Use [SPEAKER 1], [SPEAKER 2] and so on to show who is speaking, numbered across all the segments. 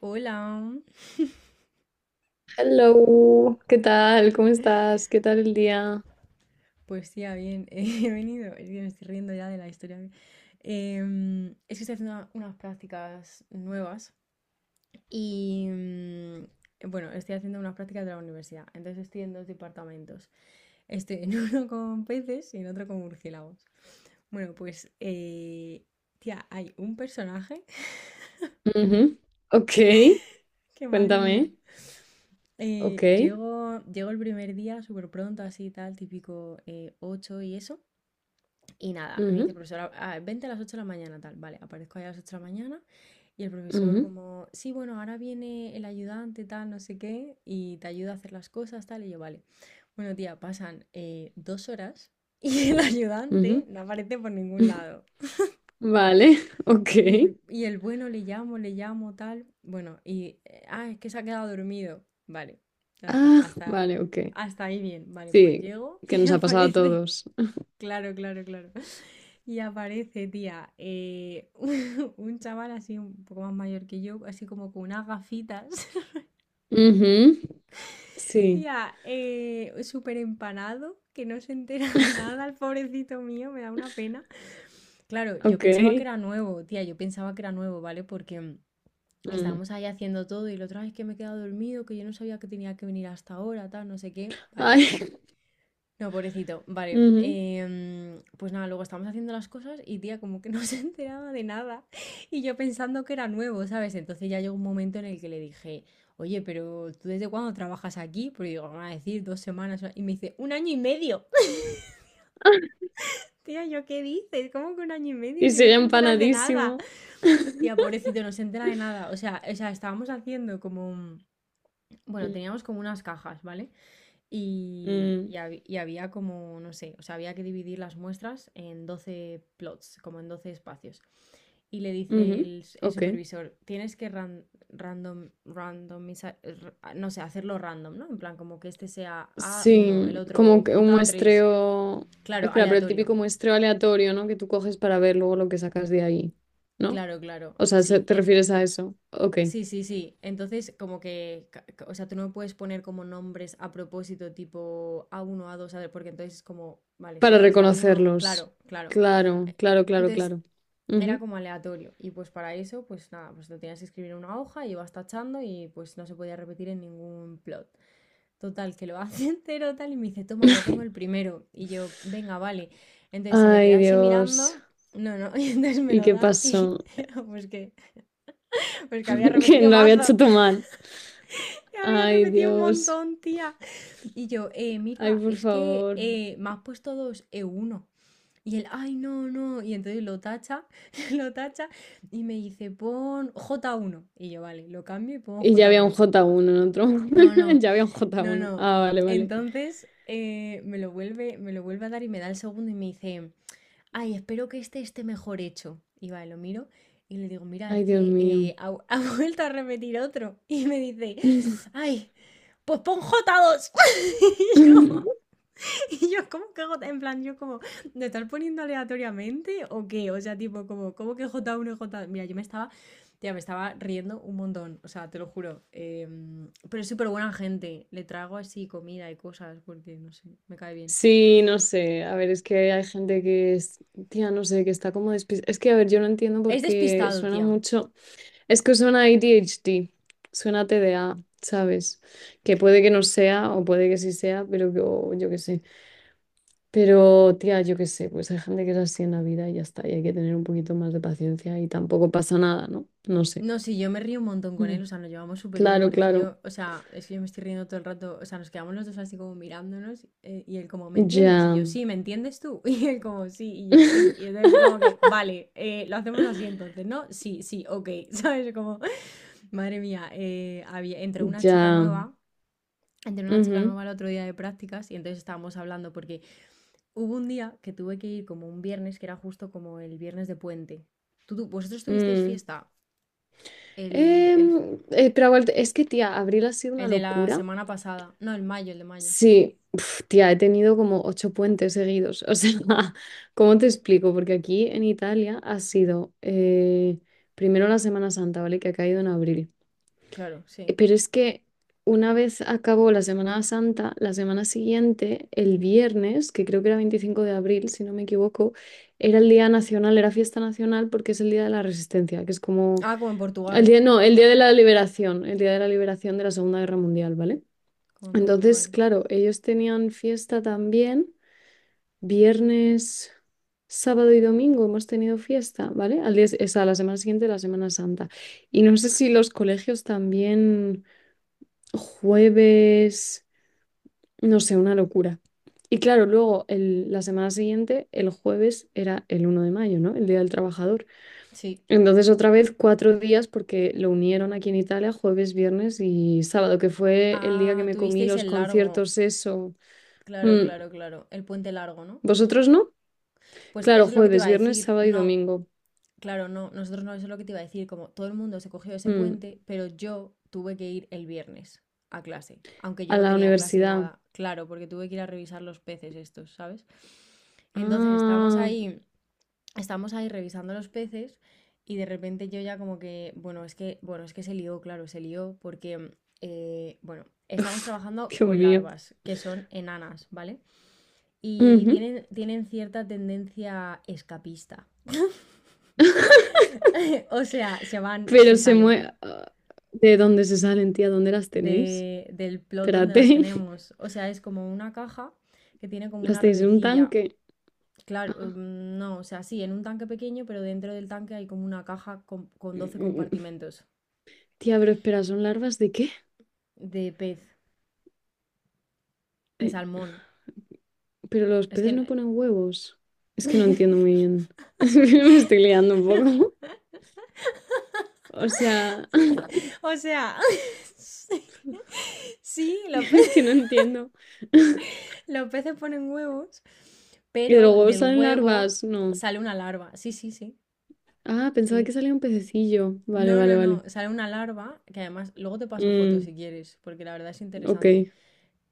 [SPEAKER 1] Hola,
[SPEAKER 2] Hello, ¿qué tal? ¿Cómo estás? ¿Qué tal el día?
[SPEAKER 1] pues ya bien, he venido, es que me estoy riendo ya de la historia. Es que estoy haciendo unas prácticas nuevas y bueno, estoy haciendo unas prácticas de la universidad, entonces estoy en dos departamentos. Estoy en uno con peces y en otro con murciélagos. Bueno, pues tía, hay un personaje
[SPEAKER 2] Ujú, Ok,
[SPEAKER 1] que madre mía.
[SPEAKER 2] cuéntame. Ok.
[SPEAKER 1] Llego el primer día súper pronto, así tal, típico 8 y eso. Y nada, me
[SPEAKER 2] ujú,
[SPEAKER 1] dice, profesora, "Ah, vente a las 8 de la mañana, tal." Vale, aparezco ahí a las 8 de la mañana y el profesor
[SPEAKER 2] ujú,
[SPEAKER 1] como, sí, bueno, ahora viene el ayudante, tal, no sé qué, y te ayuda a hacer las cosas, tal. Y yo, vale. Bueno, tía, pasan 2 horas y el ayudante
[SPEAKER 2] ujú.
[SPEAKER 1] no aparece por ningún lado.
[SPEAKER 2] Vale, ok.
[SPEAKER 1] Y el bueno le llamo, tal. Bueno, y, ah, es que se ha quedado dormido. Vale, ya está,
[SPEAKER 2] Ah,
[SPEAKER 1] hasta,
[SPEAKER 2] vale, ok.
[SPEAKER 1] hasta ahí bien. Vale, pues
[SPEAKER 2] Sí,
[SPEAKER 1] llego
[SPEAKER 2] que
[SPEAKER 1] y
[SPEAKER 2] nos ha pasado a
[SPEAKER 1] aparece.
[SPEAKER 2] todos.
[SPEAKER 1] Claro, claro, claro. Y aparece, tía, un chaval así un poco más mayor que yo, así como con unas gafitas.
[SPEAKER 2] Ujú, Sí,
[SPEAKER 1] Tía, súper empanado, que no se entera de nada, el pobrecito mío, me da una pena. Claro, yo
[SPEAKER 2] ok.
[SPEAKER 1] pensaba que era nuevo, tía, yo pensaba que era nuevo, ¿vale? Porque
[SPEAKER 2] mm.
[SPEAKER 1] estábamos ahí haciendo todo y la otra vez que me he quedado dormido, que yo no sabía que tenía que venir hasta ahora, tal, no sé qué. Vale.
[SPEAKER 2] Ay,
[SPEAKER 1] No, pobrecito. Vale.
[SPEAKER 2] ujú.
[SPEAKER 1] Pues nada, luego estábamos haciendo las cosas y tía como que no se enteraba de nada y yo pensando que era nuevo, ¿sabes? Entonces ya llegó un momento en el que le dije, oye, pero ¿tú desde cuándo trabajas aquí? Porque digo, van a decir 2 semanas. Y me dice, un año y medio. Tía, ¿yo qué dices? ¿Cómo que un año y medio
[SPEAKER 2] Y
[SPEAKER 1] si no
[SPEAKER 2] sigue
[SPEAKER 1] te enteras de nada?
[SPEAKER 2] empanadísimo.
[SPEAKER 1] Tía, pobrecito, no se entera de nada. O sea, estábamos haciendo como… Bueno,
[SPEAKER 2] Mm,
[SPEAKER 1] teníamos como unas cajas, ¿vale? Y, y
[SPEAKER 2] mm,
[SPEAKER 1] hab- y había como, no sé, o sea, había que dividir las muestras en 12 plots, como en 12 espacios. Y le dice
[SPEAKER 2] ujú,
[SPEAKER 1] el
[SPEAKER 2] Ok.
[SPEAKER 1] supervisor, tienes que random, no sé, hacerlo random, ¿no? En plan, como que este sea a uno el
[SPEAKER 2] Sí,
[SPEAKER 1] otro
[SPEAKER 2] como que un
[SPEAKER 1] j tres.
[SPEAKER 2] muestreo.
[SPEAKER 1] Claro,
[SPEAKER 2] Espera, pero el
[SPEAKER 1] aleatorio.
[SPEAKER 2] típico muestreo aleatorio, ¿no? Que tú coges para ver luego lo que sacas de ahí, ¿no?
[SPEAKER 1] Claro, claro,
[SPEAKER 2] O sea, ¿se-
[SPEAKER 1] sí. Y
[SPEAKER 2] ¿te refieres a eso? Ok.
[SPEAKER 1] sí, sí, sí. Entonces, como que, o sea, tú no puedes poner como nombres a propósito, tipo a uno a dos a ver, porque entonces es como, vale, sé
[SPEAKER 2] Para
[SPEAKER 1] que es a uno, claro,
[SPEAKER 2] reconocerlos.
[SPEAKER 1] claro.
[SPEAKER 2] Claro,
[SPEAKER 1] Eh,
[SPEAKER 2] claro, claro,
[SPEAKER 1] Entonces,
[SPEAKER 2] claro.
[SPEAKER 1] era
[SPEAKER 2] Ujú.
[SPEAKER 1] como aleatorio. Y pues para eso, pues nada, pues lo tenías que escribir en una hoja y ibas tachando y pues no se podía repetir en ningún plot. Total, que lo hace entero tal y me dice, toma, ya tengo el primero. Y yo, venga, vale. Entonces se me queda
[SPEAKER 2] Ay,
[SPEAKER 1] así
[SPEAKER 2] Dios.
[SPEAKER 1] mirando. No, no, y entonces me
[SPEAKER 2] ¿Y
[SPEAKER 1] lo
[SPEAKER 2] qué
[SPEAKER 1] da y
[SPEAKER 2] pasó?
[SPEAKER 1] pues que, pues que, había
[SPEAKER 2] Que
[SPEAKER 1] repetido
[SPEAKER 2] lo había
[SPEAKER 1] mazo.
[SPEAKER 2] hecho todo mal.
[SPEAKER 1] Te había
[SPEAKER 2] Ay,
[SPEAKER 1] repetido un
[SPEAKER 2] Dios.
[SPEAKER 1] montón, tía. Y yo,
[SPEAKER 2] Ay,
[SPEAKER 1] mira,
[SPEAKER 2] por
[SPEAKER 1] es que
[SPEAKER 2] favor.
[SPEAKER 1] me has puesto dos e uno. Y él, ay, no, no. Y entonces lo tacha, lo tacha y me dice, pon j uno. Y yo, vale, lo cambio y pongo
[SPEAKER 2] Y ya
[SPEAKER 1] j
[SPEAKER 2] había un
[SPEAKER 1] uno.
[SPEAKER 2] j uno en otro.
[SPEAKER 1] No, no,
[SPEAKER 2] Ya había un j
[SPEAKER 1] no,
[SPEAKER 2] uno
[SPEAKER 1] no.
[SPEAKER 2] Ah, vale, vale.
[SPEAKER 1] Entonces me lo vuelve a dar y me da el segundo y me dice, ay, espero que este esté mejor hecho. Y vale, lo miro y le digo, mira, es
[SPEAKER 2] Ay, Dios
[SPEAKER 1] que
[SPEAKER 2] mío.
[SPEAKER 1] ha vuelto a repetir otro. Y me dice, ay, pues pon j dos. Y yo, y yo, ¿cómo que J? En plan, yo como, ¿me estás poniendo aleatoriamente o qué? O sea, tipo, como, ¿cómo que j uno, y J2? Mira, yo me estaba, tía, me estaba riendo un montón. O sea, te lo juro. Pero es súper buena gente. Le traigo así comida y cosas porque, no sé, me cae bien.
[SPEAKER 2] Sí, no sé. A ver, es que hay gente que es, tía, no sé, que está como despistada. Es que, a ver, yo no entiendo por
[SPEAKER 1] Es
[SPEAKER 2] qué
[SPEAKER 1] despistado,
[SPEAKER 2] suena
[SPEAKER 1] tía.
[SPEAKER 2] mucho. Es que suena A D H ADHD, suena TDA. ¿Sabes? Que puede que no sea, o puede que sí sea, pero o yo qué sé. Pero, tía, yo qué sé, pues hay gente que es así en la vida y ya está. Y hay que tener un poquito más de paciencia y tampoco pasa nada, ¿no? No sé.
[SPEAKER 1] No, sí, yo me río un montón con él,
[SPEAKER 2] Mm,
[SPEAKER 1] o sea, nos llevamos súper bien,
[SPEAKER 2] Claro,
[SPEAKER 1] porque es que
[SPEAKER 2] claro.
[SPEAKER 1] yo, o sea, es que yo me estoy riendo todo el rato, o sea, nos quedamos los dos así como mirándonos y él como, ¿me entiendes? Y
[SPEAKER 2] Ya.
[SPEAKER 1] yo, sí, ¿me entiendes tú? Y él como, sí, y yo, sí. Y entonces como que, vale, lo hacemos así entonces, ¿no? Sí, sí, ok, ¿sabes? Como, madre mía, había, entró una chica
[SPEAKER 2] Ya.
[SPEAKER 1] nueva, entró una chica
[SPEAKER 2] Ujú,
[SPEAKER 1] nueva el otro día de prácticas y entonces estábamos hablando porque hubo un día que tuve que ir como un viernes, que era justo como el viernes de puente. ¿Tú, vosotros tuvisteis
[SPEAKER 2] mm.
[SPEAKER 1] fiesta? El.
[SPEAKER 2] Pero es que, tía, abril ha sido
[SPEAKER 1] El
[SPEAKER 2] una
[SPEAKER 1] de la
[SPEAKER 2] locura.
[SPEAKER 1] semana pasada. No, el mayo, el de mayo.
[SPEAKER 2] Sí, uf, tía, he tenido como ocho puentes seguidos. O sea, ¿cómo te explico? Porque aquí en Italia ha sido primero la Semana Santa, ¿vale? Que ha caído en abril.
[SPEAKER 1] Claro, sí.
[SPEAKER 2] Pero es que una vez acabó la Semana Santa, la semana siguiente, el viernes, que creo que era 25 de abril, si no me equivoco, era el día nacional, era fiesta nacional porque es el día de la Resistencia, que es como
[SPEAKER 1] Ah, como en
[SPEAKER 2] el
[SPEAKER 1] Portugal.
[SPEAKER 2] día, no, el día de la liberación, el día de la liberación de la Segunda Guerra Mundial, ¿vale?
[SPEAKER 1] Como en Portugal.
[SPEAKER 2] Entonces, claro, ellos tenían fiesta también, viernes, sábado y domingo hemos tenido fiesta, ¿vale? Al día, es a la semana siguiente, la Semana Santa. Y no sé si los colegios también, jueves, no sé, una locura. Y claro, luego la semana siguiente, el jueves era el 1 de mayo, ¿no? El Día del Trabajador.
[SPEAKER 1] Sí.
[SPEAKER 2] Entonces otra vez cuatro días porque lo unieron aquí en Italia, jueves, viernes y sábado, que fue el día que
[SPEAKER 1] Ah,
[SPEAKER 2] me comí
[SPEAKER 1] tuvisteis
[SPEAKER 2] los
[SPEAKER 1] el largo.
[SPEAKER 2] conciertos, eso.
[SPEAKER 1] Claro,
[SPEAKER 2] Mm.
[SPEAKER 1] claro, claro. El puente largo, ¿no?
[SPEAKER 2] ¿Vosotros no?
[SPEAKER 1] Pues
[SPEAKER 2] Claro,
[SPEAKER 1] eso es lo que te
[SPEAKER 2] jueves,
[SPEAKER 1] iba a
[SPEAKER 2] viernes,
[SPEAKER 1] decir.
[SPEAKER 2] sábado y
[SPEAKER 1] No,
[SPEAKER 2] domingo.
[SPEAKER 1] claro, no. Nosotros no, eso es lo que te iba a decir. Como todo el mundo se cogió ese
[SPEAKER 2] Mm.
[SPEAKER 1] puente, pero yo tuve que ir el viernes a clase. Aunque yo
[SPEAKER 2] A
[SPEAKER 1] no
[SPEAKER 2] la
[SPEAKER 1] tenía clase ni
[SPEAKER 2] universidad.
[SPEAKER 1] nada. Claro, porque tuve que ir a revisar los peces estos, ¿sabes? Entonces estábamos
[SPEAKER 2] Ah,
[SPEAKER 1] ahí estamos ahí revisando los peces y de repente yo ya como que, bueno, es que, se lió, claro, se lió porque, bueno, estamos
[SPEAKER 2] Uf,
[SPEAKER 1] trabajando
[SPEAKER 2] Dios
[SPEAKER 1] con
[SPEAKER 2] mío.
[SPEAKER 1] larvas que son enanas, ¿vale? Y
[SPEAKER 2] Ujú.
[SPEAKER 1] tienen cierta tendencia escapista. O sea, se van, se
[SPEAKER 2] Pero se
[SPEAKER 1] salen
[SPEAKER 2] mueve... ¿De dónde se salen, tía? ¿Dónde las tenéis?
[SPEAKER 1] del plot donde las
[SPEAKER 2] Espérate,
[SPEAKER 1] tenemos. O sea, es como una caja que tiene como
[SPEAKER 2] las
[SPEAKER 1] una
[SPEAKER 2] tenéis en un
[SPEAKER 1] redecilla.
[SPEAKER 2] tanque.
[SPEAKER 1] Claro, no, o sea, sí, en un tanque pequeño, pero dentro del tanque hay como una caja con
[SPEAKER 2] Mm,
[SPEAKER 1] 12
[SPEAKER 2] mm, mm.
[SPEAKER 1] compartimentos.
[SPEAKER 2] Tía, pero espera, ¿son larvas de qué?
[SPEAKER 1] De pez, de
[SPEAKER 2] Eh,
[SPEAKER 1] salmón.
[SPEAKER 2] Pero los
[SPEAKER 1] Es que
[SPEAKER 2] peces
[SPEAKER 1] no…
[SPEAKER 2] no ponen huevos. Es que no entiendo muy bien. Me estoy liando un poco. O sea,
[SPEAKER 1] O sea, sí, sí, los
[SPEAKER 2] es que no entiendo.
[SPEAKER 1] los peces ponen huevos,
[SPEAKER 2] ¿Y de
[SPEAKER 1] pero
[SPEAKER 2] los huevos
[SPEAKER 1] del
[SPEAKER 2] salen
[SPEAKER 1] huevo
[SPEAKER 2] larvas? No.
[SPEAKER 1] sale una larva. Sí, sí, sí,
[SPEAKER 2] Ah, pensaba que
[SPEAKER 1] sí.
[SPEAKER 2] salía un pececillo. Vale,
[SPEAKER 1] No,
[SPEAKER 2] vale,
[SPEAKER 1] no, no,
[SPEAKER 2] vale.
[SPEAKER 1] sale una larva que además luego te paso fotos
[SPEAKER 2] Mm,
[SPEAKER 1] si quieres, porque la verdad es
[SPEAKER 2] ok,
[SPEAKER 1] interesante.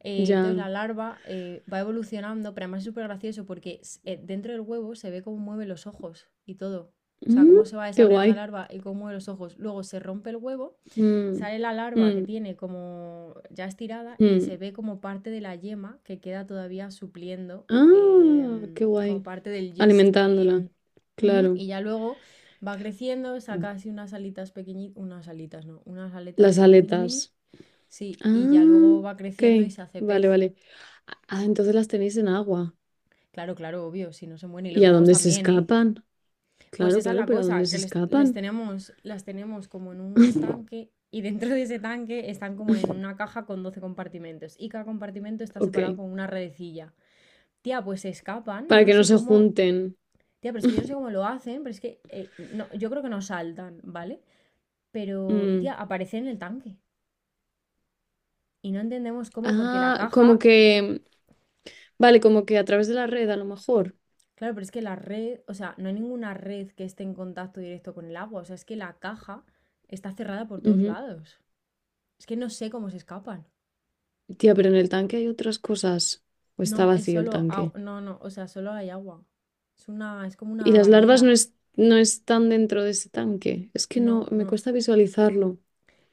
[SPEAKER 1] Entonces
[SPEAKER 2] ya.
[SPEAKER 1] la larva va evolucionando, pero además es súper gracioso porque dentro del huevo se ve cómo mueve los ojos y todo. O sea,
[SPEAKER 2] Mm,
[SPEAKER 1] cómo se va
[SPEAKER 2] qué
[SPEAKER 1] desarrollando
[SPEAKER 2] guay.
[SPEAKER 1] la larva y cómo mueve los ojos. Luego se rompe el huevo,
[SPEAKER 2] Mm,
[SPEAKER 1] sale la larva que
[SPEAKER 2] mm,
[SPEAKER 1] tiene como ya estirada y
[SPEAKER 2] mm.
[SPEAKER 1] se ve como parte de la yema que queda todavía supliendo
[SPEAKER 2] Ah, qué
[SPEAKER 1] como
[SPEAKER 2] guay.
[SPEAKER 1] parte del gist. Y,
[SPEAKER 2] Alimentándola.
[SPEAKER 1] ujú,
[SPEAKER 2] Claro.
[SPEAKER 1] y ya luego va creciendo, saca así unas alitas pequeñitas, unas alitas, no, unas aletas
[SPEAKER 2] Las
[SPEAKER 1] mini, mini, mini.
[SPEAKER 2] aletas.
[SPEAKER 1] Sí, y ya
[SPEAKER 2] Ah,
[SPEAKER 1] luego va creciendo y
[SPEAKER 2] ok.
[SPEAKER 1] se hace
[SPEAKER 2] Vale,
[SPEAKER 1] pez.
[SPEAKER 2] vale. Ah, entonces las tenéis en agua.
[SPEAKER 1] Claro, claro, obvio, si no se mueren. Y los
[SPEAKER 2] ¿Y a
[SPEAKER 1] huevos
[SPEAKER 2] dónde se
[SPEAKER 1] también, ¿eh?
[SPEAKER 2] escapan?
[SPEAKER 1] Pues
[SPEAKER 2] Claro,
[SPEAKER 1] esa es
[SPEAKER 2] claro,
[SPEAKER 1] la
[SPEAKER 2] pero ¿a dónde
[SPEAKER 1] cosa,
[SPEAKER 2] se
[SPEAKER 1] que
[SPEAKER 2] escapan?
[SPEAKER 1] las tenemos como en un tanque y dentro de ese tanque están como en una caja con 12 compartimentos y cada compartimento está
[SPEAKER 2] Ok,
[SPEAKER 1] separado con una redecilla. Tía, pues se escapan, yo
[SPEAKER 2] para
[SPEAKER 1] no
[SPEAKER 2] que no
[SPEAKER 1] sé
[SPEAKER 2] se
[SPEAKER 1] cómo…
[SPEAKER 2] junten.
[SPEAKER 1] Tía, pero es que yo no sé cómo lo hacen, pero es que no, yo creo que no saltan, ¿vale? Pero, tía,
[SPEAKER 2] Mm.
[SPEAKER 1] aparecen en el tanque y no entendemos cómo porque la
[SPEAKER 2] Ah, como
[SPEAKER 1] caja.
[SPEAKER 2] que, vale, como que a través de la red a lo mejor.
[SPEAKER 1] Claro, pero es que la red, o sea, no hay ninguna red que esté en contacto directo con el agua. O sea, es que la caja está cerrada por todos
[SPEAKER 2] Ujú.
[SPEAKER 1] lados. Es que no sé cómo se escapan.
[SPEAKER 2] Tía, pero en el tanque hay otras cosas. O está
[SPEAKER 1] No, es
[SPEAKER 2] vacío el
[SPEAKER 1] solo agua.
[SPEAKER 2] tanque.
[SPEAKER 1] No, no, o sea, solo hay agua. Es como
[SPEAKER 2] Y
[SPEAKER 1] una
[SPEAKER 2] las larvas no,
[SPEAKER 1] bañera.
[SPEAKER 2] no están dentro de ese tanque. Es que no,
[SPEAKER 1] No,
[SPEAKER 2] me
[SPEAKER 1] no.
[SPEAKER 2] cuesta visualizarlo.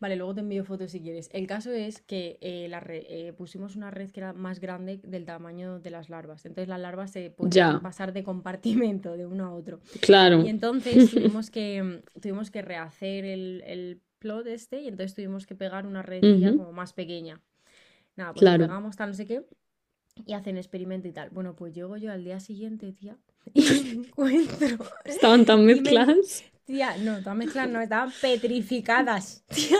[SPEAKER 1] Vale, luego te envío fotos si quieres. El caso es que pusimos una red que era más grande del tamaño de las larvas. Entonces las larvas se podían
[SPEAKER 2] Ya,
[SPEAKER 1] pasar de compartimento de uno a otro. Y
[SPEAKER 2] claro.
[SPEAKER 1] entonces tuvimos que, mm, tuvimos que rehacer el plot este y entonces tuvimos que pegar una redecilla
[SPEAKER 2] Ujú,
[SPEAKER 1] como más pequeña. Nada, pues lo
[SPEAKER 2] Claro.
[SPEAKER 1] pegamos, tal, no sé qué, y hacen experimento y tal. Bueno, pues llego yo al día siguiente, tía, y me encuentro.
[SPEAKER 2] Estaban tan
[SPEAKER 1] Y me.
[SPEAKER 2] mezcladas.
[SPEAKER 1] Tía, no, todas mezclas no, estaban petrificadas. Tía,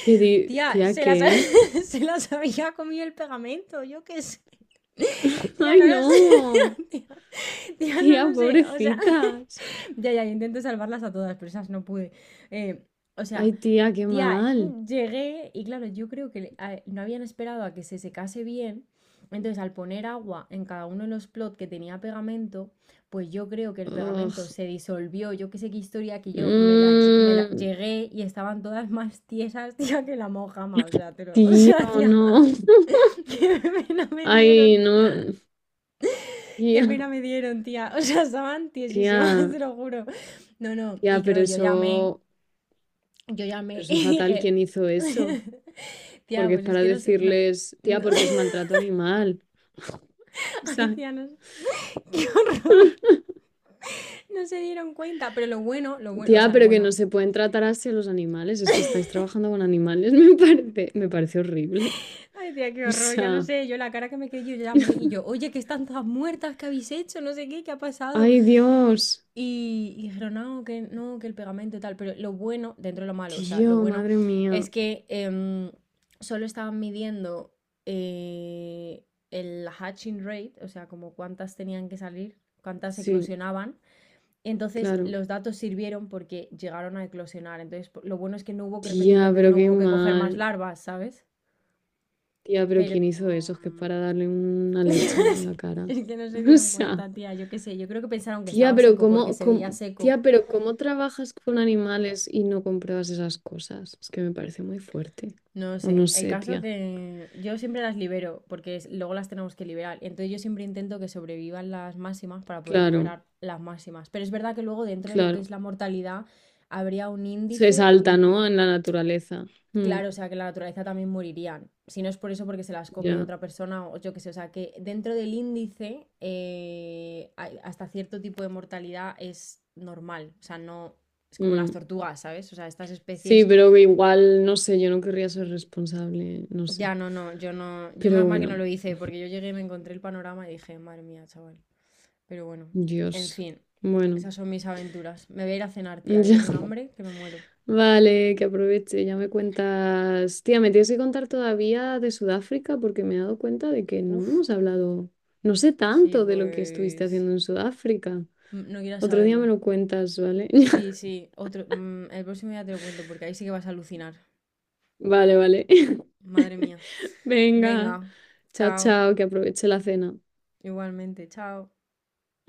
[SPEAKER 2] ¿Qué,
[SPEAKER 1] tía,
[SPEAKER 2] tía,
[SPEAKER 1] se las,
[SPEAKER 2] qué?
[SPEAKER 1] se las había comido el pegamento, yo qué sé. Tía,
[SPEAKER 2] Ay,
[SPEAKER 1] no lo
[SPEAKER 2] no.
[SPEAKER 1] sé. Tía, tía, tía no
[SPEAKER 2] Tía,
[SPEAKER 1] lo sé. O sea,
[SPEAKER 2] pobrecitas.
[SPEAKER 1] ya, ya, intenté salvarlas a todas, pero esas no pude. Eh, o sea,
[SPEAKER 2] Ay, tía, qué
[SPEAKER 1] tía,
[SPEAKER 2] mal.
[SPEAKER 1] llegué y claro, yo creo que no habían esperado a que se secase bien. Entonces, al poner agua en cada uno de los plot que tenía pegamento, pues yo creo que el pegamento
[SPEAKER 2] Ugh.
[SPEAKER 1] se disolvió. Yo que sé qué historia que yo me la, lle- me la-
[SPEAKER 2] Mm,
[SPEAKER 1] llegué y estaban todas más tiesas, tía, que la mojama. O sea, o
[SPEAKER 2] tía,
[SPEAKER 1] sea, tía,
[SPEAKER 2] no.
[SPEAKER 1] qué pena me dieron.
[SPEAKER 2] Ay, no.
[SPEAKER 1] Qué
[SPEAKER 2] Tía,
[SPEAKER 1] pena me dieron, tía. O sea, estaban tiesísimas,
[SPEAKER 2] tía,
[SPEAKER 1] te lo juro. No, no, y
[SPEAKER 2] tía,
[SPEAKER 1] claro, yo llamé Yo
[SPEAKER 2] pero
[SPEAKER 1] llamé
[SPEAKER 2] eso
[SPEAKER 1] y
[SPEAKER 2] fatal,
[SPEAKER 1] dije,
[SPEAKER 2] ¿quién hizo eso?
[SPEAKER 1] tía,
[SPEAKER 2] Porque es
[SPEAKER 1] pues es
[SPEAKER 2] para
[SPEAKER 1] que no sé, no,
[SPEAKER 2] decirles, tía,
[SPEAKER 1] no-
[SPEAKER 2] porque es maltrato animal. O
[SPEAKER 1] ay,
[SPEAKER 2] sea,
[SPEAKER 1] tía, no sé, qué horror, no se dieron cuenta, pero lo bueno, o
[SPEAKER 2] tía,
[SPEAKER 1] sea, lo
[SPEAKER 2] pero que no
[SPEAKER 1] bueno,
[SPEAKER 2] se pueden tratar así a los animales. Es que estáis trabajando con animales, me parece horrible.
[SPEAKER 1] ay, tía, qué
[SPEAKER 2] O
[SPEAKER 1] horror, ya lo
[SPEAKER 2] sea,
[SPEAKER 1] sé, yo la cara que me quedé, yo llamé y yo, oye, que están todas muertas, ¿qué habéis hecho? No sé qué, ¿qué ha pasado?
[SPEAKER 2] ay Dios,
[SPEAKER 1] Y dijeron, no, que no, que el pegamento y tal. Pero lo bueno, dentro de lo malo, o sea, lo
[SPEAKER 2] tío,
[SPEAKER 1] bueno
[SPEAKER 2] madre mía.
[SPEAKER 1] es que solo estaban midiendo eh, el hatching rate, o sea, como cuántas tenían que salir, cuántas
[SPEAKER 2] Sí,
[SPEAKER 1] eclosionaban. Entonces
[SPEAKER 2] claro.
[SPEAKER 1] los datos sirvieron porque llegaron a eclosionar. Entonces lo bueno es que no hubo que repetirlo,
[SPEAKER 2] Tía,
[SPEAKER 1] entonces
[SPEAKER 2] pero
[SPEAKER 1] no
[SPEAKER 2] qué
[SPEAKER 1] hubo que coger más
[SPEAKER 2] mal.
[SPEAKER 1] larvas, ¿sabes?
[SPEAKER 2] Tía, pero
[SPEAKER 1] Pero
[SPEAKER 2] ¿quién hizo eso? Es que es
[SPEAKER 1] mm,
[SPEAKER 2] para darle una leche en la cara.
[SPEAKER 1] es que no se
[SPEAKER 2] O
[SPEAKER 1] dieron
[SPEAKER 2] sea,
[SPEAKER 1] cuenta, tía. Yo qué sé, yo creo que pensaron que
[SPEAKER 2] tía,
[SPEAKER 1] estaba
[SPEAKER 2] pero
[SPEAKER 1] seco porque se veía seco.
[SPEAKER 2] tía, pero ¿cómo trabajas con animales y no compruebas esas cosas? Es que me parece muy fuerte.
[SPEAKER 1] No
[SPEAKER 2] O no
[SPEAKER 1] sé, el
[SPEAKER 2] sé,
[SPEAKER 1] caso
[SPEAKER 2] tía.
[SPEAKER 1] que yo siempre las libero porque luego las tenemos que liberar. Entonces yo siempre intento que sobrevivan las máximas para poder
[SPEAKER 2] Claro,
[SPEAKER 1] liberar las máximas. Pero es verdad que luego dentro de lo que
[SPEAKER 2] claro.
[SPEAKER 1] es la mortalidad habría un
[SPEAKER 2] Se
[SPEAKER 1] índice que
[SPEAKER 2] salta, ¿no? En la naturaleza. Mm,
[SPEAKER 1] claro, o sea, que la naturaleza también morirían. Si no es por eso porque se las come
[SPEAKER 2] ya.
[SPEAKER 1] otra persona o yo qué sé, o sea, que dentro del índice hasta cierto tipo de mortalidad es normal. O sea, no es como las
[SPEAKER 2] Mm.
[SPEAKER 1] tortugas, ¿sabes? O sea, estas
[SPEAKER 2] Sí,
[SPEAKER 1] especies.
[SPEAKER 2] pero que igual, no sé, yo no querría ser responsable, no sé.
[SPEAKER 1] Ya, no, no, yo no, yo
[SPEAKER 2] Pero
[SPEAKER 1] menos mal que no
[SPEAKER 2] bueno,
[SPEAKER 1] lo hice, porque yo llegué y me encontré el panorama y dije, madre mía, chaval. Pero bueno, en
[SPEAKER 2] Dios.
[SPEAKER 1] fin,
[SPEAKER 2] Bueno,
[SPEAKER 1] esas son mis aventuras. Me voy a ir a cenar, tía, que tengo un
[SPEAKER 2] ya.
[SPEAKER 1] hambre que me muero.
[SPEAKER 2] Vale, que aproveche, ya me cuentas. Tía, me tienes que contar todavía de Sudáfrica porque me he dado cuenta de que no
[SPEAKER 1] Uf,
[SPEAKER 2] hemos hablado, no sé
[SPEAKER 1] sí,
[SPEAKER 2] tanto de lo que estuviste
[SPEAKER 1] pues…
[SPEAKER 2] haciendo en Sudáfrica.
[SPEAKER 1] No quieras
[SPEAKER 2] Otro día me
[SPEAKER 1] saberlo.
[SPEAKER 2] lo cuentas, ¿vale?
[SPEAKER 1] Sí, sí, otro… El próximo día te lo cuento, porque ahí sí que vas a alucinar.
[SPEAKER 2] Vale, vale.
[SPEAKER 1] Madre mía.
[SPEAKER 2] Venga,
[SPEAKER 1] Venga,
[SPEAKER 2] chao,
[SPEAKER 1] chao.
[SPEAKER 2] chao, que aproveche la cena.
[SPEAKER 1] Igualmente, chao.